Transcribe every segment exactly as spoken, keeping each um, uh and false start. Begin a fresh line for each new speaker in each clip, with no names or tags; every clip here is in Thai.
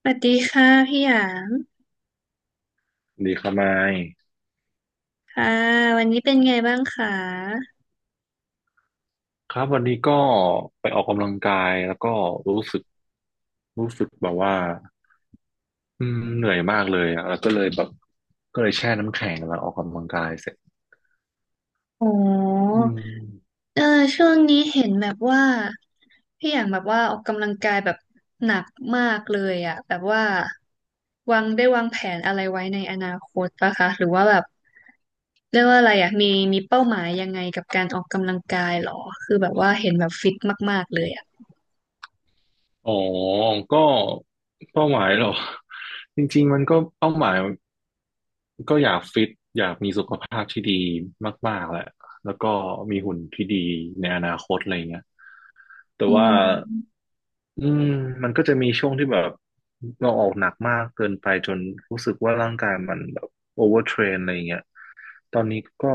สวัสดีค่ะพี่หยาง
ดีครับไมค์
ค่ะวันนี้เป็นไงบ้างคะ
ครับวันนี้ก็ไปออกกำลังกายแล้วก็รู้สึกรู้สึกแบบว่าอืมเหนื่อยมากเลยอะแล้วก็เลยแบบก็เลยแช่น้ำแข็งแล้วออกกำลังกายเสร็จ
โอ้
อืม
เออช่วงนี้เห็นแบบว่าพี่หยางแบบว่าออกกำลังกายแบบหนักมากเลยอะแบบว่าวางได้วางแผนอะไรไว้ในอนาคตปะคะหรือว่าแบบเรียกว่าอะไรอะมีมีเป้าหมายยังไงกับการออกกำลังกายหรอคือแบบว่าเห็นแบบฟิตมากๆเลยอะ
อ๋อก็เป้าหมายเหรอ จริงๆมันก็เป้าหมายก็อยากฟิตอยากมีสุขภาพที่ดีมากๆแหละแล้วก็มีหุ่นที่ดีในอนาคตอะไรเงี้ยแต่
อื
ว่า
ม
อืมมันก็จะมีช่วงที่แบบเราออกหนักมากเกินไปจนรู้สึกว่าร่างกายมันแบบโอเวอร์เทรนอะไรอย่างเงี้ยตอนนี้ก็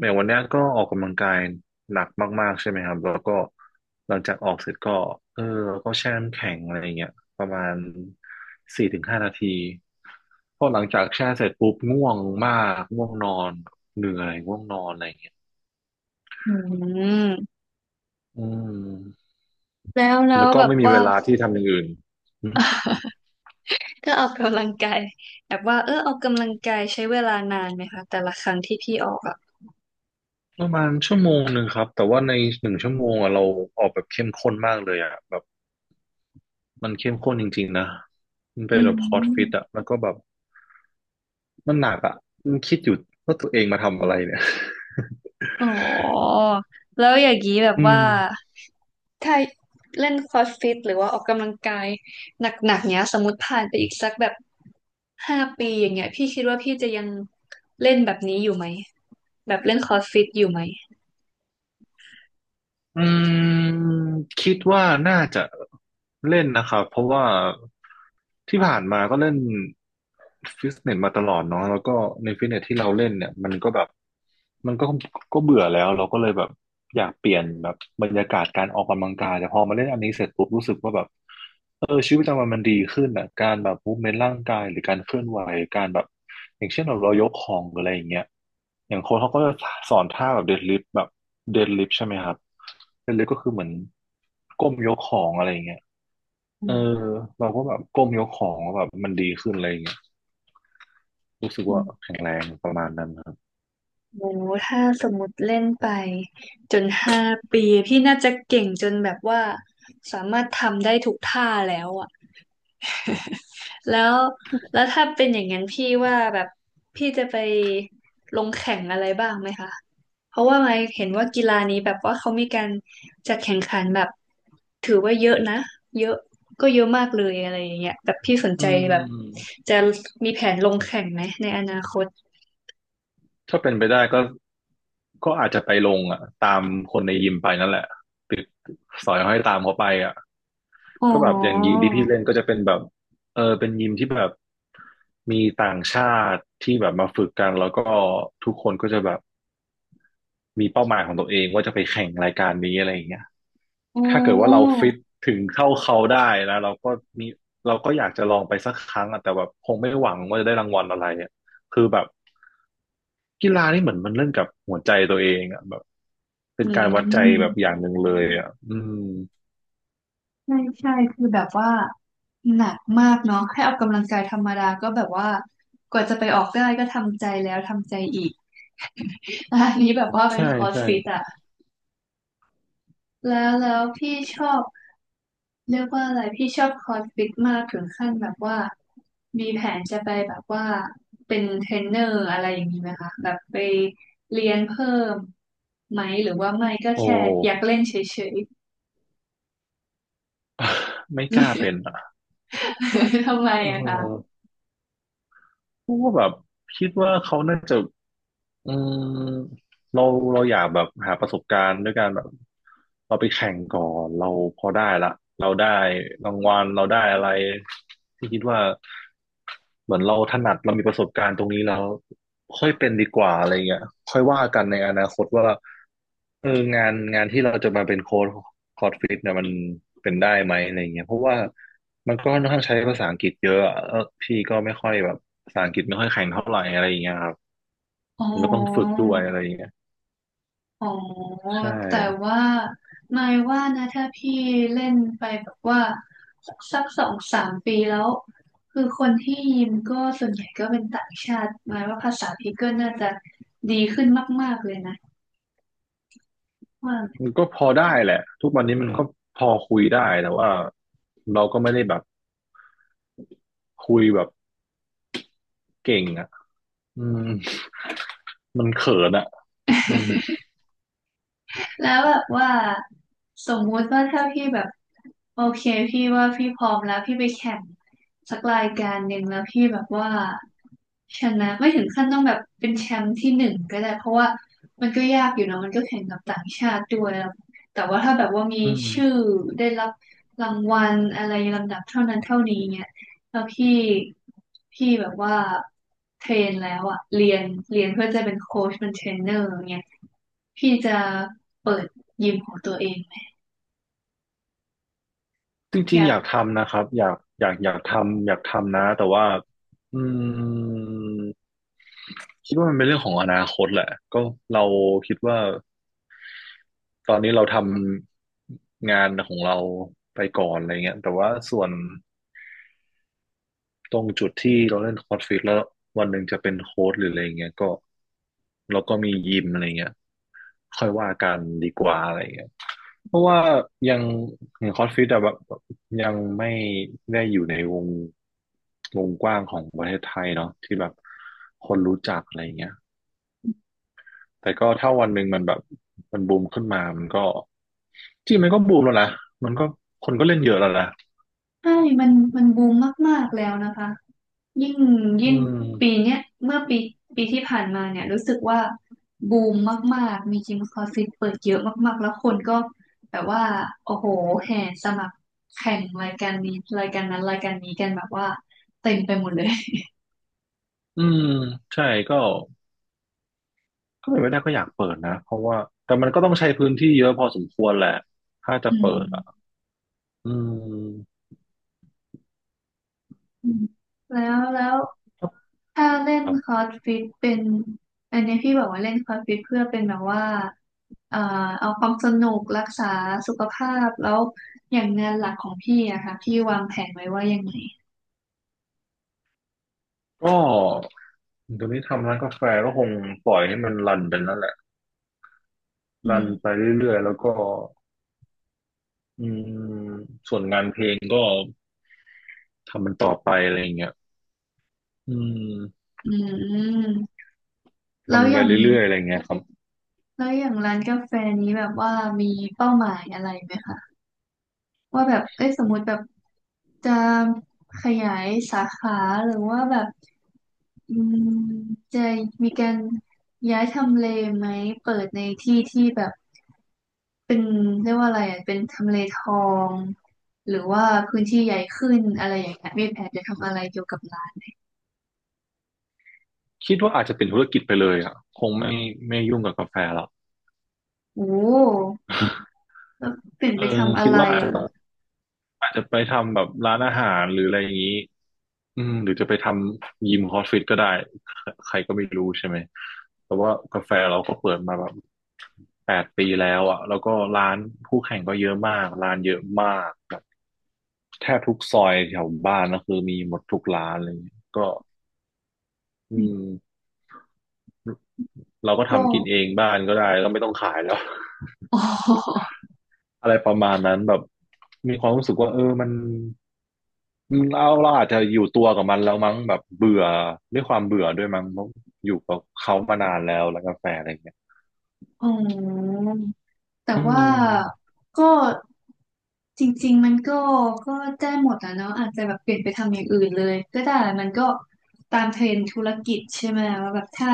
แม้วันเนี้ยก็ออกกำลังกายหนักมากๆใช่ไหมครับแล้วก็หลังจากออกเสร็จก็เออก็แช่น้ำแข็งอะไรอย่างเงี้ยประมาณสี่ถึงห้านาทีพอหลังจากแช่เสร็จปุ๊บง่วงมากง่วงนอนเหนื่อยง่วงนอนอะไรอย่างเงี้ย
อืม
อืม
แล้วแล้
แล้
ว
วก็
แบบ
ไม่มี
ว่า
เวลาที่ทำอย่างอื่น
ก็ออกกำลังกายแบบว่าเออออกกำลังกายใช้เวลานานไหมคะแต่ละครั้งที่พี่ออกอ่ะ
ประมาณชั่วโมงหนึ่งครับแต่ว่าในหนึ่งชั่วโมงอะเราออกแบบเข้มข้นมากเลยอะแบบมันเข้มข้นจริงๆนะมันเป็
อื
นแบบพอร์ตฟิต
ม
อะแล้วก็แบบมันหนักอะมันคิดอยู่ว่าตัวเองมาทำอะไรเนี่ย
อ๋อแล้วอย่างนี้แบบ
อืม
ว่าถ้าเล่นครอสฟิตหรือว่าออกกำลังกายหนักๆเนี้ยสมมติผ่านไปอีกสักแบบห้าปีอย่างเงี้ยพี่คิดว่าพี่จะยังเล่นแบบนี้อยู่ไหมแบบเล่นครอสฟิตอยู่ไหม
อืมคิดว่าน่าจะเล่นนะครับเพราะว่าที่ผ่านมาก็เล่นฟิตเนสมาตลอดเนาะแล้วก็ในฟิตเนสที่เราเล่นเนี่ยมันก็แบบมันก็ก็เบื่อแล้วเราก็เลยแบบอยากเปลี่ยนแบบบรรยากาศการออกกำลังกายแต่พอมาเล่นอันนี้เสร็จปุ๊บรู้สึกว่าแบบเออชีวิตประจำวันมันดีขึ้นอ่ะการแบบมูฟเมนต์ร่างกายหรือการเคลื่อนไหวการแบบอย่างเช่นเราเรายกของหรืออะไรอย่างเงี้ยอย่างโค้ชเขาก็จะสอนท่าแบบเดดลิฟต์แบบเดดลิฟต์ใช่ไหมครับ เล่นเล็กๆก็คือเหมือนก้มยกของอะไรอย่างเงี้ยเออ
อ
เราก็แบบก้มยกของแล้วแบบมันดีขึ้นอะไรอย่างเงี้ยรู้สึก
ื
ว่า
ม
แข็งแรงประมาณนั้นครับ
โอ้ถ้าสมมติเล่นไปจนห้าปีพี่น่าจะเก่งจนแบบว่าสามารถทำได้ทุกท่าแล้วอ่ะ แล้วแล้วถ้าเป็นอย่างนั้นพี่ว่าแบบพี่จะไปลงแข่งอะไรบ้างไหมคะเพราะว่าไมค์เห็นว่ากีฬานี้แบบว่าเขามีการจัดแข่งขันแบบถือว่าเยอะนะเยอะก็เยอะมากเลยอะไรอย่างเงี้ยแบบพี่สน
อื
ใจแบบ
ม
จะมีแผนลงแข่งไหมในอนาคต
ถ้าเป็นไปได้ก็ก็อาจจะไปลงอ่ะตามคนในยิมไปนั่นแหละติดสอยห้อยตามเขาไปอ่ะ
อ๋
ก็แบบอย่างยิม
อ
ที่พี่เล่นก็จะเป็นแบบเออเป็นยิมที่แบบมีต่างชาติที่แบบมาฝึกกันแล้วก็ทุกคนก็จะแบบ มีเป้าหมายของตัวเองว่าจะไปแข่งรายการนี้อะไรอย่างเงี้ย
อ๋
ถ้าเกิดว่าเรา
อ
ฟิตถึงเท่าเขาได้นะเราก็มีเราก็อยากจะลองไปสักครั้งอะแต่แบบคงไม่หวังว่าจะได้รางวัลอะไรอะคือแบบกีฬานี่เหมือนมันเล่นกับหัวใจตัวเองอะแบบเป็
อื
นการวัดใจแบบอ
ม
ย่างหนึ่งเลยอะอืม
ใช่ใช่คือแบบว่าหนักมากเนาะแค่ออกกำลังกายธรรมดาก็แบบว่ากว่าจะไปออกได้ก็ทำใจแล้วทำใจอีก อันนี้แบบว่าเป็
ใช่
นคอร์ส
ใช่
ฟิตอะแล้วแล้วพี่ชอบเรียกว่าอะไรพี่ชอบคอร์สฟิตมากถึงขั้นแบบว่ามีแผนจะไปแบบว่าเป็นเทรนเนอร์อะไรอย่างนี้ไหมคะแบบไปเรียนเพิ่มไหมหรือว่าไม่ก็
โอ้
แค่อยากเล่นเฉย
ไม่กล้าเป็น
ๆ
อ่ะ
ทำไม
เ
อะคะ
ออเพราะว่าแบบคิดว่าเขาน่าจะ อืมเราเราอยากแบบหาประสบการณ์ด้วยการแบบเราไปแข่งก่อนเราพอได้ละเราได้รางวัลเราได้อะไรที่คิดว่าเหมือนเราถนัดเรามีประสบการณ์ตรงนี้แล้วค่อยเป็นดีกว่าอะไรเงี้ยค่อยว่ากันในอนาคตว่าเอองานงานที่เราจะมาเป็นโค้ชโค้ชฟิตเนี่ยมันเป็นได้ไหมอะไรเงี้ยเพราะว่ามันก็ค่อนข้างใช้ภาษาอังกฤษเยอะอะแล้วพี่ก็ไม่ค่อยแบบภาษาอังกฤษไม่ค่อยแข็งเท่าไหร่อะไรเงี้ยครับ
อ๋อ
มันก็ต้องฝึกด้วยอะไรอย่างเงี้ย
อ๋อ
ใช่
แต่ว่านายว่านะถ้าพี่เล่นไปแบบว่าสักสองสามปีแล้ว คือคนที่ยิมก็ส่วนใหญ่ก็เป็นต่างชาติหมายว่าภาษาพี่ก็น่าจะดีขึ้นมากๆเลยนะว่า
มันก็พอได้แหละทุกวันนี้มันก็พอคุยได้แต่ว่าเราก็ไม่ได้แบบคุยแบบเก่งอ่ะอืมมันเขินอ่ะอืม
แล้วแบบว่าสมมุติว่าถ้าพี่แบบโอเคพี่ว่าพี่พร้อมแล้วพี่ไปแข่งสักรายการหนึ่งแล้วพี่แบบว่าชนะไม่ถึงขั้นต้องแบบเป็นแชมป์ที่หนึ่งก็ได้เพราะว่ามันก็ยากอยู่เนอะมันก็แข่งกับต่างชาติด้วยแล้วแต่ว่าถ้าแบบว่ามี
อืม
ชื่อได้รับรางวัลอะไรลำดับเท่านั้นเท่านี้เนี่ย แล้วพี่พี่แบบว่าเทรนแล้วอะเรียนเรียนเพื่อจะเป็นโค้ชเป็นเทรนเนอร์อย่างเงี้ยพี่จะเปิดยิมของตัวเองไหม
จ
อ
ริง
ยา
ๆอ
ก
ยากทำนะครับอยากอยากอยากทำอยากทำนะแต่ว่าอืมคิดว่ามันเป็นเรื่องของอนาคตแหละก็เราคิดว่าตอนนี้เราทำงานของเราไปก่อนอะไรเงี้ยแต่ว่าส่วน ตรงจุดที่เราเล่นคอร์ดฟิตแล้ววันหนึ่งจะเป็นโค้ชหรืออะไรเงี้ยก็เราก็มียิมอะไรเงี้ยค่อยว่ากันดีกว่าอะไรเงี้ยเพราะว่ายังอย่างคอร์สฟิตอะแบบยังไม่ได้อยู่ในวงวงกว้างของประเทศไทยเนาะที่แบบคนรู้จักอะไรเงี้ยแต่ก็ถ้าวันหนึ่งมันแบบมันบูมขึ้นมามันก็จริงมันก็บูมแล้วนะมันก็คนก็เล่นเยอะแล้วนะ
ใช่มันมันบูมมากๆแล้วนะคะยิ่ง
อื
ยิ่งปี
ม
เนี้ยเมื่อปีปีที่ผ่านมาเนี่ยรู้สึกว่าบูมมากๆมียิมคลาสสิกเปิดเยอะมากๆแล้วคนก็แบบว่าโอ้โหแห่สมัครแข่งรายการนี้รายการนั้นรายการนี้กันแบบว่าเต็มไปหมดเลย
อืมใช่ก็ ถ้าเป็นไปได้ก็อยากเปิดนะเพราะว่าแต่มันก็ต้องใช้พื้นที่เยอะพอสมควรแหละถ้า จะ
อืม
เปิดอ่ะอืม
อืมแล้วแล้ว
ค
ถ้าเล่น
รับ
คอร์สฟิตเป็นอันนี้พี่บอกว่าเล่นคอร์สฟิตเพื่อเป็นแบบว่าเอ่อเอาความสนุกรักษาสุขภาพแล้วอย่างงานหลักของพี่อะค่ะพี่วางแผนไว้ว่ายังไง
ก็ตอนนี้ทำร้านกาแฟก็คงปล่อยให้มันรันไปนั่นแหละ
อื
รัน
ม
ไปเรื่อยๆแล้วก็อืมส่วนงานเพลงก็ทำมันต่อไปอะไรอย่างเงี้ยอืม
อืมแล้ว
ทำ
อ
ไป
ย่าง
เรื่อยๆอะไรเงี้ยครับ
แล้วอย่างร้านกาแฟนี้แบบว่ามีเป้าหมายอะไรไหมคะว่าแบบเอ้ยสมมติแบบจะขยายสาขาหรือว่าแบบ อืมจะมีการย้ายทำเลไหมเปิดในที่ที่แบบเป็นเรียกว่าอะไรอ่ะเป็นทำเลทองหรือว่าพื้นที่ใหญ่ขึ้นอะไรอย่างเงี้ยมีแผนจะทำอะไรเกี่ยวกับร้าน
คิดว่าอาจจะเป็นธุรกิจไปเลยอ่ะคงไม่ไม่ยุ่งกับกาแฟหรอก
โอ้ แล้วเปลี่ยน
เอ
ไป
อ
ทำอะ
คิด
ไร
ว่า
อะค่ะ
อาจจะไปทำแบบร้านอาหารหรืออะไรอย่างนี้อืมหรือจะไปทำยิมคอสฟิตก็ได้ ใครก็ไม่รู้ใช่ไหมแต่ว่ากาแฟเราก็เปิดมาแบบแปดปีแล้วอ่ะแล้วก็ร้านคู่แข่งก็เยอะมากร้านเยอะมากแบบแทบทุกซอยแถวบ้านก็คือมีหมดทุกร้านเลยก็อืมเราก็
ก็
ทำกินเอง บ้านก็ได้ก็ไม่ต้องขายแล้ว
อ๋อ
อะไรประมาณนั้นแบบมีความรู้สึกว่าเออมัน อืมเราเราอาจจะอยู่ตัวกับมันแล้วมั้งแบบเบื่อด้วยความเบื่อด้วยมั้งเพราะอยู่กับเขามานานแล้วแล้วกาแฟอะไรเงี้ย
อ๋อแต่
อื
ว่า
ม
ก็ จริงๆมันก็ก็ได้หมดอะเนาะอาจจะแบบเปลี่ยนไปทำอย่างอื่นเลยก็ได้มันก็ตามเทรนด์ธุรกิจใช่ไหมว่าแบบถ้า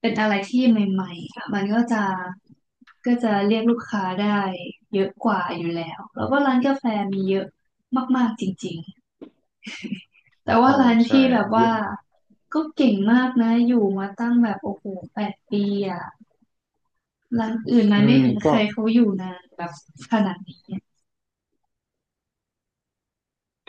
เป็นอะไรที่ใหม่ๆอะมันก็จะก็จะเรียกลูกค้าได้เยอะกว่าอยู่แล้วแล้วก็ร้านกาแฟมีเยอะมากๆจริงๆแต่ว่า
ใช่
ร้าน
ใช่
พี่แบบ
เย
ว่า
อะ
ก็เก่งมากนะอยู่มาตั้งแบบโอ้โหแปดปีอะร้านอื่นมั
อื
นไม่
ม
เห็นใค
ก็
รเขาอยู่นานแบบขนาดนี้อะ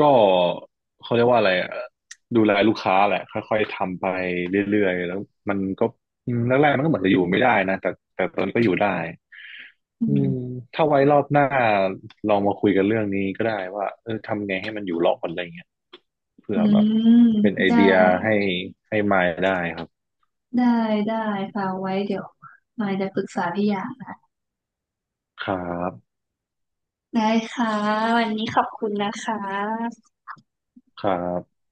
ก็เขาเรียกว่าอะไรอะดูแลลูกค้าแหละค่อยๆทำไปเรื่อยๆแล้วมันก็อืมแรกๆมันก็เหมือนจะอยู่ไม่ได้นะแต่แต่ตอนนี้ก็อยู่ได้
อื
อืม
ม
ถ้าไว้รอบหน้าลองมาคุยกันเรื่องนี้ก็ได้ว่าเออทำไงให้มันอยู่รอดอะไรเงี้ยเผื่
อื
อแบบ
ม
เป็นไอ
ได้
เดียให้ให้มายได้ครับ
ได้ได้ค่ะไว้เดี๋ยวมายจะปรึกษาพี่อย่างนะ
ครับ
ได้ค่ะวันนี้ขอบคุณนะคะ
ครับ